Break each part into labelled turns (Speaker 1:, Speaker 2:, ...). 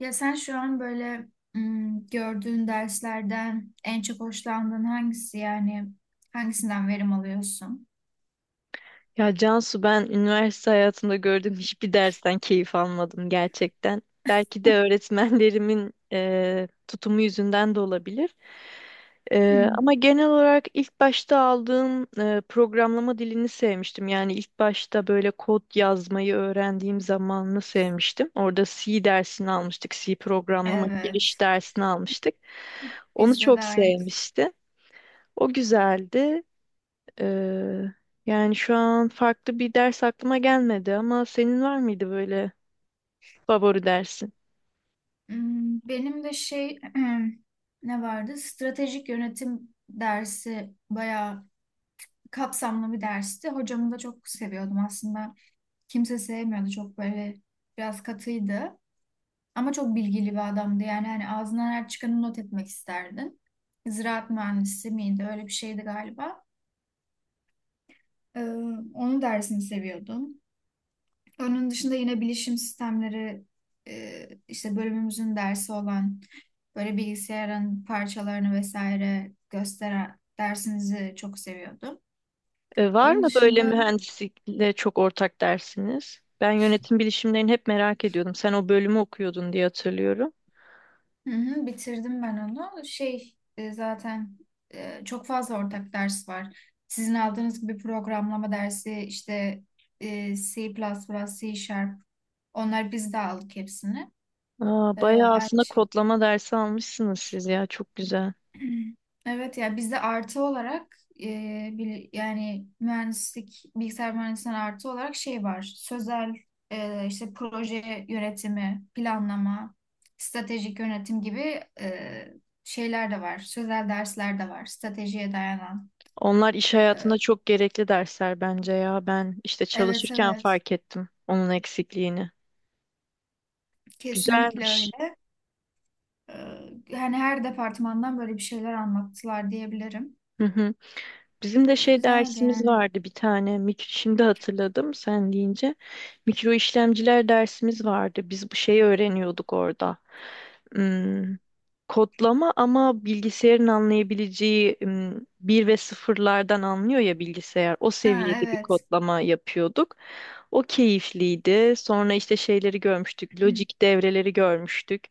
Speaker 1: Ya sen şu an böyle gördüğün derslerden en çok hoşlandığın hangisi, yani hangisinden verim alıyorsun?
Speaker 2: Ya Cansu ben üniversite hayatımda gördüğüm hiçbir dersten keyif almadım gerçekten. Belki de öğretmenlerimin tutumu yüzünden de olabilir.
Speaker 1: Hmm.
Speaker 2: Ama genel olarak ilk başta aldığım programlama dilini sevmiştim. Yani ilk başta böyle kod yazmayı öğrendiğim zamanını sevmiştim. Orada C dersini almıştık, C programlama giriş
Speaker 1: Evet,
Speaker 2: dersini almıştık. Onu
Speaker 1: bizde de
Speaker 2: çok
Speaker 1: aynı.
Speaker 2: sevmiştim. O güzeldi. Ee, yani şu an farklı bir ders aklıma gelmedi ama senin var mıydı böyle favori dersin?
Speaker 1: Hmm, benim de şey ne vardı? Stratejik yönetim dersi bayağı kapsamlı bir dersti. Hocamı da çok seviyordum aslında. Kimse sevmiyordu, çok böyle biraz katıydı. Ama çok bilgili bir adamdı. Yani hani ağzından her çıkanı not etmek isterdin. Ziraat mühendisi miydi? Öyle bir şeydi galiba. Ee, Onun dersini seviyordum. Onun dışında yine bilişim sistemleri, işte bölümümüzün dersi olan, böyle bilgisayarın parçalarını vesaire gösteren dersinizi çok seviyordum.
Speaker 2: Var
Speaker 1: Onun
Speaker 2: mı böyle
Speaker 1: dışında,
Speaker 2: mühendislikle çok ortak dersiniz? Ben yönetim bilişimlerini hep merak ediyordum. Sen o bölümü okuyordun diye hatırlıyorum.
Speaker 1: hı hı, bitirdim ben onu. Şey, zaten çok fazla ortak ders var. Sizin aldığınız gibi programlama dersi işte, C++, C Sharp, onlar biz de aldık hepsini.
Speaker 2: Aa,
Speaker 1: E,
Speaker 2: bayağı
Speaker 1: aynı.
Speaker 2: aslında kodlama dersi almışsınız siz ya çok güzel.
Speaker 1: Evet ya, bizde artı olarak yani mühendislik, bilgisayar mühendisliğinden artı olarak şey var. Sözel, işte proje yönetimi, planlama, stratejik yönetim gibi, e, şeyler de var. Sözel dersler de var. Stratejiye dayanan.
Speaker 2: Onlar iş
Speaker 1: E,
Speaker 2: hayatında çok gerekli dersler bence ya. Ben işte
Speaker 1: evet
Speaker 2: çalışırken
Speaker 1: evet,
Speaker 2: fark ettim onun eksikliğini.
Speaker 1: kesinlikle
Speaker 2: Güzelmiş.
Speaker 1: öyle. E, hani her departmandan böyle bir şeyler anlattılar diyebilirim.
Speaker 2: Hı hı. Bizim de
Speaker 1: E,
Speaker 2: şey
Speaker 1: güzeldi
Speaker 2: dersimiz
Speaker 1: yani.
Speaker 2: vardı bir tane. Şimdi hatırladım sen deyince. Mikro işlemciler dersimiz vardı. Biz bu şeyi öğreniyorduk orada ım, kodlama ama bilgisayarın anlayabileceği bir ve sıfırlardan anlıyor ya bilgisayar. O
Speaker 1: Ha
Speaker 2: seviyede bir
Speaker 1: evet.
Speaker 2: kodlama yapıyorduk. O keyifliydi. Sonra işte şeyleri görmüştük.
Speaker 1: Hı
Speaker 2: Lojik devreleri görmüştük.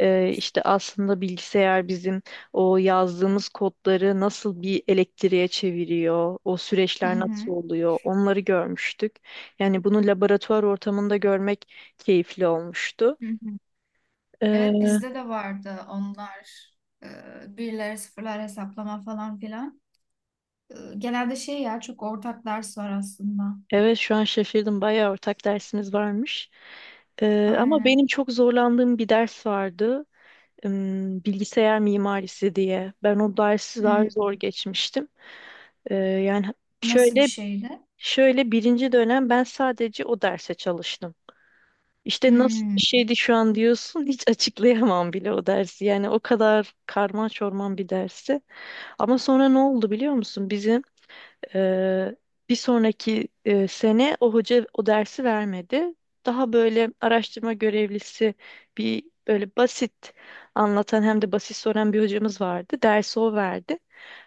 Speaker 2: İşte aslında bilgisayar bizim o yazdığımız kodları nasıl bir elektriğe çeviriyor, o süreçler
Speaker 1: hı.
Speaker 2: nasıl oluyor, onları görmüştük. Yani bunu laboratuvar ortamında görmek keyifli olmuştu.
Speaker 1: Hı hı. Evet,
Speaker 2: Ee,
Speaker 1: bizde de vardı onlar. Birler, sıfırlar hesaplama falan filan. Genelde şey ya, çok ortak ders var aslında.
Speaker 2: Evet, şu an şaşırdım. Bayağı ortak dersiniz varmış. Ama
Speaker 1: Aynen.
Speaker 2: benim çok zorlandığım bir ders vardı. Bilgisayar mimarisi diye. Ben o dersi daha
Speaker 1: Hmm.
Speaker 2: zor geçmiştim. Yani
Speaker 1: Nasıl bir
Speaker 2: şöyle
Speaker 1: şeydi?
Speaker 2: şöyle birinci dönem ben sadece o derse çalıştım. İşte nasıl
Speaker 1: Hmm.
Speaker 2: bir şeydi şu an diyorsun hiç açıklayamam bile o dersi. Yani o kadar karman çorman bir dersi. Ama sonra ne oldu biliyor musun? Bizim ee, bir sonraki sene o hoca o dersi vermedi. Daha böyle araştırma görevlisi bir böyle basit anlatan hem de basit soran bir hocamız vardı. Dersi o verdi.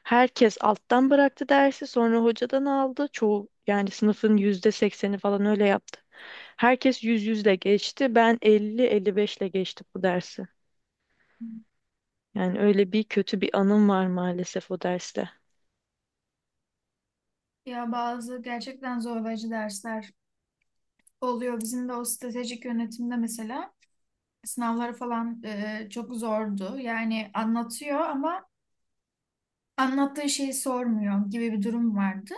Speaker 2: Herkes alttan bıraktı dersi sonra hocadan aldı. Çoğu yani sınıfın %80'i falan öyle yaptı. Herkes 100, 100'le geçti. Ben 50, 55'le geçtim bu dersi. Yani öyle bir kötü bir anım var maalesef o derste.
Speaker 1: Ya bazı gerçekten zorlayıcı dersler oluyor. Bizim de o stratejik yönetimde mesela sınavları falan çok zordu. Yani anlatıyor ama anlattığı şeyi sormuyor gibi bir durum vardı.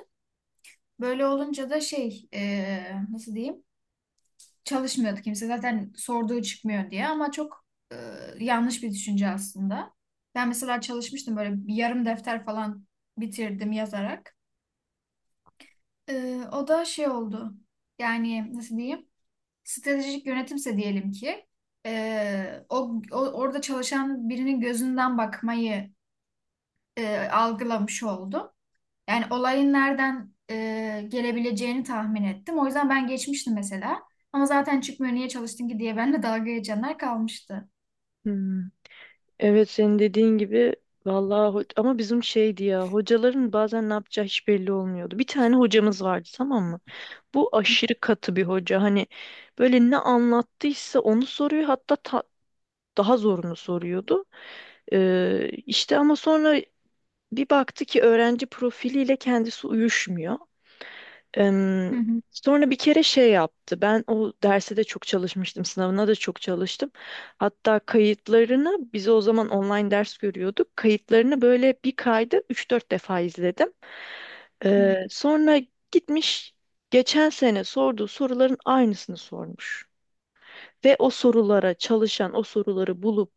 Speaker 1: Böyle olunca da şey, nasıl diyeyim? Çalışmıyordu kimse zaten, sorduğu çıkmıyor diye, ama çok e, yanlış bir düşünce aslında. Ben mesela çalışmıştım, böyle bir yarım defter falan bitirdim yazarak. E, o da şey oldu, yani nasıl diyeyim, stratejik yönetimse diyelim ki, orada çalışan birinin gözünden bakmayı algılamış oldum. Yani olayın nereden gelebileceğini tahmin ettim. O yüzden ben geçmiştim mesela. Ama zaten çıkmıyor, niye çalıştın ki diye benimle dalga geçenler kalmıştı.
Speaker 2: Hmm. Evet, senin dediğin gibi vallahi ama bizim şeydi ya, hocaların bazen ne yapacağı hiç belli olmuyordu. Bir tane hocamız vardı, tamam mı? Bu aşırı katı bir hoca. Hani böyle ne anlattıysa onu soruyor, hatta daha zorunu soruyordu. İşte ama sonra bir baktı ki öğrenci profiliyle kendisi uyuşmuyor.
Speaker 1: Hı
Speaker 2: Em,
Speaker 1: hı.
Speaker 2: Sonra bir kere şey yaptı. Ben o derse de çok çalışmıştım, sınavına da çok çalıştım. Hatta kayıtlarını, biz o zaman online ders görüyorduk. Kayıtlarını böyle bir kayda üç dört defa izledim. Sonra gitmiş, geçen sene sorduğu soruların aynısını sormuş. Ve o sorulara çalışan, o soruları bulup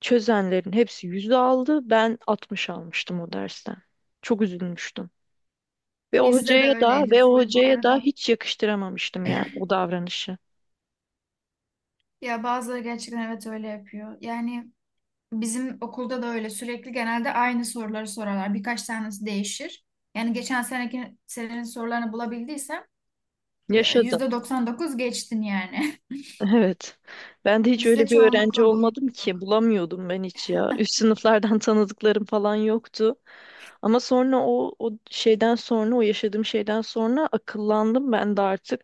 Speaker 2: çözenlerin hepsi yüzde aldı. Ben 60 almıştım o dersten. Çok üzülmüştüm. Ve o
Speaker 1: Bizde de
Speaker 2: hocaya da
Speaker 1: öyleydi
Speaker 2: ve o
Speaker 1: full bu
Speaker 2: hocaya da
Speaker 1: arada.
Speaker 2: hiç yakıştıramamıştım yani o davranışı.
Speaker 1: Ya bazıları gerçekten evet öyle yapıyor. Yani bizim okulda da öyle, sürekli genelde aynı soruları sorarlar. Birkaç tanesi değişir. Yani geçen seneki senenin sorularını bulabildiysem,
Speaker 2: Yaşadım.
Speaker 1: %99 geçtin yani.
Speaker 2: Evet. Ben de hiç
Speaker 1: Bizde
Speaker 2: öyle bir öğrenci
Speaker 1: çoğunlukla bu.
Speaker 2: olmadım ki, bulamıyordum ben hiç ya. Üst sınıflardan tanıdıklarım falan yoktu. Ama sonra o şeyden sonra, o yaşadığım şeyden sonra akıllandım ben de artık,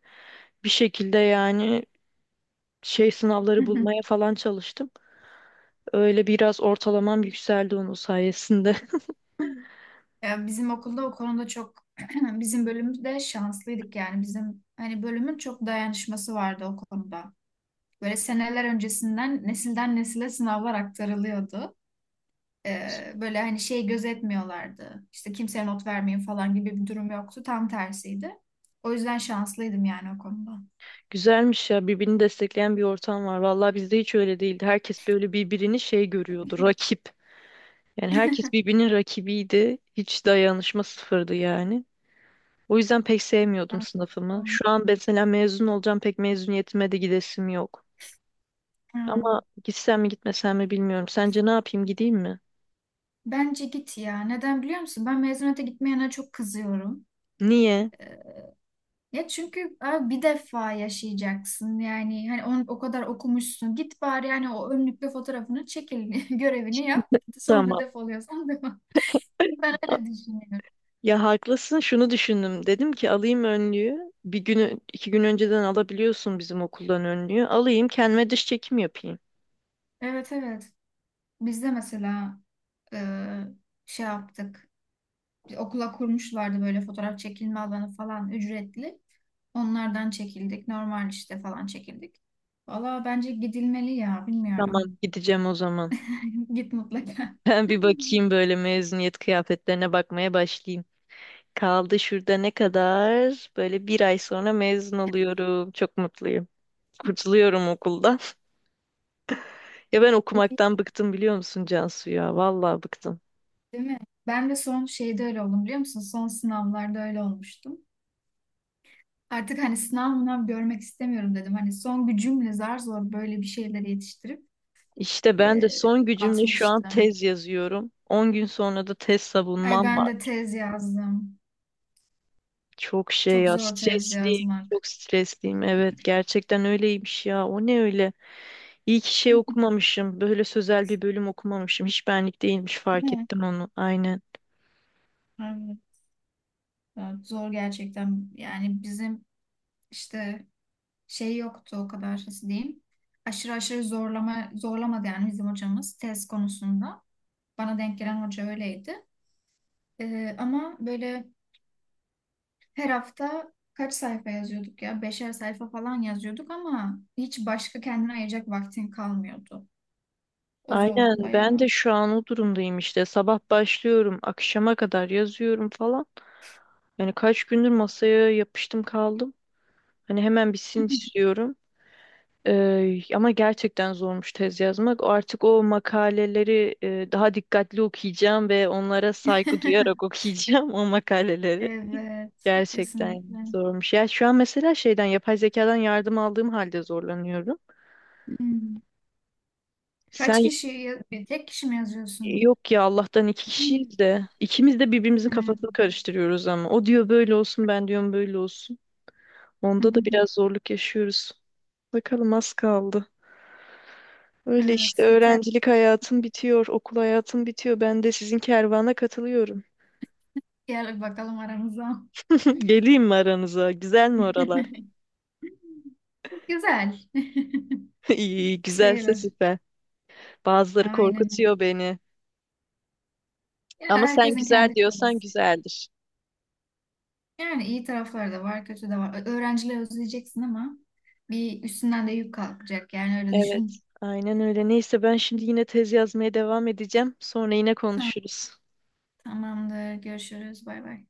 Speaker 2: bir şekilde yani şey sınavları bulmaya falan çalıştım. Öyle biraz ortalamam yükseldi onun sayesinde.
Speaker 1: Ya bizim okulda o konuda çok bizim bölümde şanslıydık, yani bizim hani bölümün çok dayanışması vardı o konuda. Böyle seneler öncesinden nesilden nesile sınavlar aktarılıyordu. Böyle hani şey gözetmiyorlardı. İşte kimseye not vermeyin falan gibi bir durum yoktu. Tam tersiydi. O yüzden şanslıydım yani o konuda.
Speaker 2: Güzelmiş ya, birbirini destekleyen bir ortam var. Vallahi bizde hiç öyle değildi. Herkes böyle birbirini şey görüyordu, rakip. Yani herkes birbirinin rakibiydi. Hiç dayanışma sıfırdı yani. O yüzden pek sevmiyordum sınıfımı. Şu an mesela mezun olacağım, pek mezuniyetime de gidesim yok. Ama
Speaker 1: Hmm.
Speaker 2: gitsem mi gitmesem mi bilmiyorum. Sence ne yapayım, gideyim mi?
Speaker 1: Bence git ya. Neden biliyor musun? Ben mezuniyete gitmeyene çok kızıyorum.
Speaker 2: Niye?
Speaker 1: Ee, Ya çünkü abi bir defa yaşayacaksın, yani hani onu o kadar okumuşsun, git bari, yani o önlükle fotoğrafını çekil görevini yap, sonra
Speaker 2: Tamam.
Speaker 1: defoluyorsan devam. Ben öyle düşünüyorum.
Speaker 2: Ya haklısın, şunu düşündüm. Dedim ki alayım önlüğü. Bir günü 2 gün önceden alabiliyorsun bizim okuldan önlüğü. Alayım, kendime dış çekim yapayım.
Speaker 1: Evet evet, biz de mesela e, şey yaptık, bir okula kurmuşlardı böyle fotoğraf çekilme alanı falan, ücretli, onlardan çekildik, normal işte falan çekildik. Valla bence gidilmeli ya,
Speaker 2: Tamam,
Speaker 1: bilmiyorum,
Speaker 2: gideceğim o zaman.
Speaker 1: git mutlaka.
Speaker 2: Ben bir bakayım böyle, mezuniyet kıyafetlerine bakmaya başlayayım. Kaldı şurada ne kadar? Böyle bir ay sonra mezun oluyorum. Çok mutluyum. Kurtuluyorum okuldan. Ya ben okumaktan bıktım, biliyor musun Cansu ya? Vallahi bıktım.
Speaker 1: Değil mi? Ben de son şeyde öyle oldum biliyor musun? Son sınavlarda öyle olmuştum. Artık hani sınav mınav görmek istemiyorum dedim. Hani son gücümle zar zor böyle bir şeyleri yetiştirip
Speaker 2: İşte ben de
Speaker 1: e,
Speaker 2: son gücümle şu an
Speaker 1: atmıştım.
Speaker 2: tez yazıyorum. 10 gün sonra da tez
Speaker 1: Ay
Speaker 2: savunmam
Speaker 1: ben
Speaker 2: var.
Speaker 1: de tez yazdım.
Speaker 2: Çok şey
Speaker 1: Çok
Speaker 2: ya,
Speaker 1: zor tez
Speaker 2: stresliyim.
Speaker 1: yazmak.
Speaker 2: Çok stresliyim. Evet, gerçekten öyleymiş ya. O ne öyle? İyi ki şey okumamışım. Böyle sözel bir bölüm okumamışım. Hiç benlik değilmiş, fark
Speaker 1: Değil mi?
Speaker 2: ettim onu. Aynen.
Speaker 1: Evet, evet, zor gerçekten. Yani bizim işte şey yoktu o kadar, nasıl diyeyim. Aşırı aşırı zorlama zorlamadı yani bizim hocamız tez konusunda. Bana denk gelen hoca öyleydi. Ama böyle Her hafta kaç sayfa yazıyorduk ya? 5'er sayfa falan yazıyorduk ama hiç başka kendine ayıracak vaktin kalmıyordu. O
Speaker 2: Aynen,
Speaker 1: zordu
Speaker 2: ben
Speaker 1: bayağı.
Speaker 2: de şu an o durumdayım işte. Sabah başlıyorum, akşama kadar yazıyorum falan. Yani kaç gündür masaya yapıştım kaldım. Hani hemen bitsin istiyorum. Ama gerçekten zormuş tez yazmak. Artık o makaleleri daha dikkatli okuyacağım ve onlara saygı duyarak okuyacağım o makaleleri.
Speaker 1: Evet,
Speaker 2: Gerçekten
Speaker 1: kesinlikle.
Speaker 2: zormuş. Ya şu an mesela şeyden, yapay zekadan yardım aldığım halde zorlanıyorum.
Speaker 1: Hmm. Kaç
Speaker 2: Sen
Speaker 1: kişi, bir tek kişi mi yazıyorsun?
Speaker 2: yok ya, Allah'tan iki kişiyiz de ikimiz de birbirimizin
Speaker 1: Hmm.
Speaker 2: kafasını karıştırıyoruz ama. O diyor böyle olsun, ben diyorum böyle olsun. Onda da biraz zorluk yaşıyoruz. Bakalım, az kaldı. Öyle işte,
Speaker 1: Evet, biter.
Speaker 2: öğrencilik hayatım bitiyor, okul hayatım bitiyor. Ben de sizin kervana katılıyorum.
Speaker 1: Gel bakalım aramıza.
Speaker 2: Geleyim mi aranıza? Güzel mi oralar?
Speaker 1: Güzel.
Speaker 2: İyi, iyi, güzelse
Speaker 1: Sayılır.
Speaker 2: süper. Bazıları
Speaker 1: Aynen öyle.
Speaker 2: korkutuyor beni.
Speaker 1: Ya
Speaker 2: Ama sen
Speaker 1: herkesin
Speaker 2: güzel
Speaker 1: kendi çabası.
Speaker 2: diyorsan güzeldir.
Speaker 1: Yani iyi tarafları da var, kötü de var. Öğrencileri özleyeceksin ama bir üstünden de yük kalkacak. Yani öyle
Speaker 2: Evet,
Speaker 1: düşün.
Speaker 2: aynen öyle. Neyse, ben şimdi yine tez yazmaya devam edeceğim. Sonra yine
Speaker 1: Tamam,
Speaker 2: konuşuruz.
Speaker 1: tamamdır. Görüşürüz. Bay bay.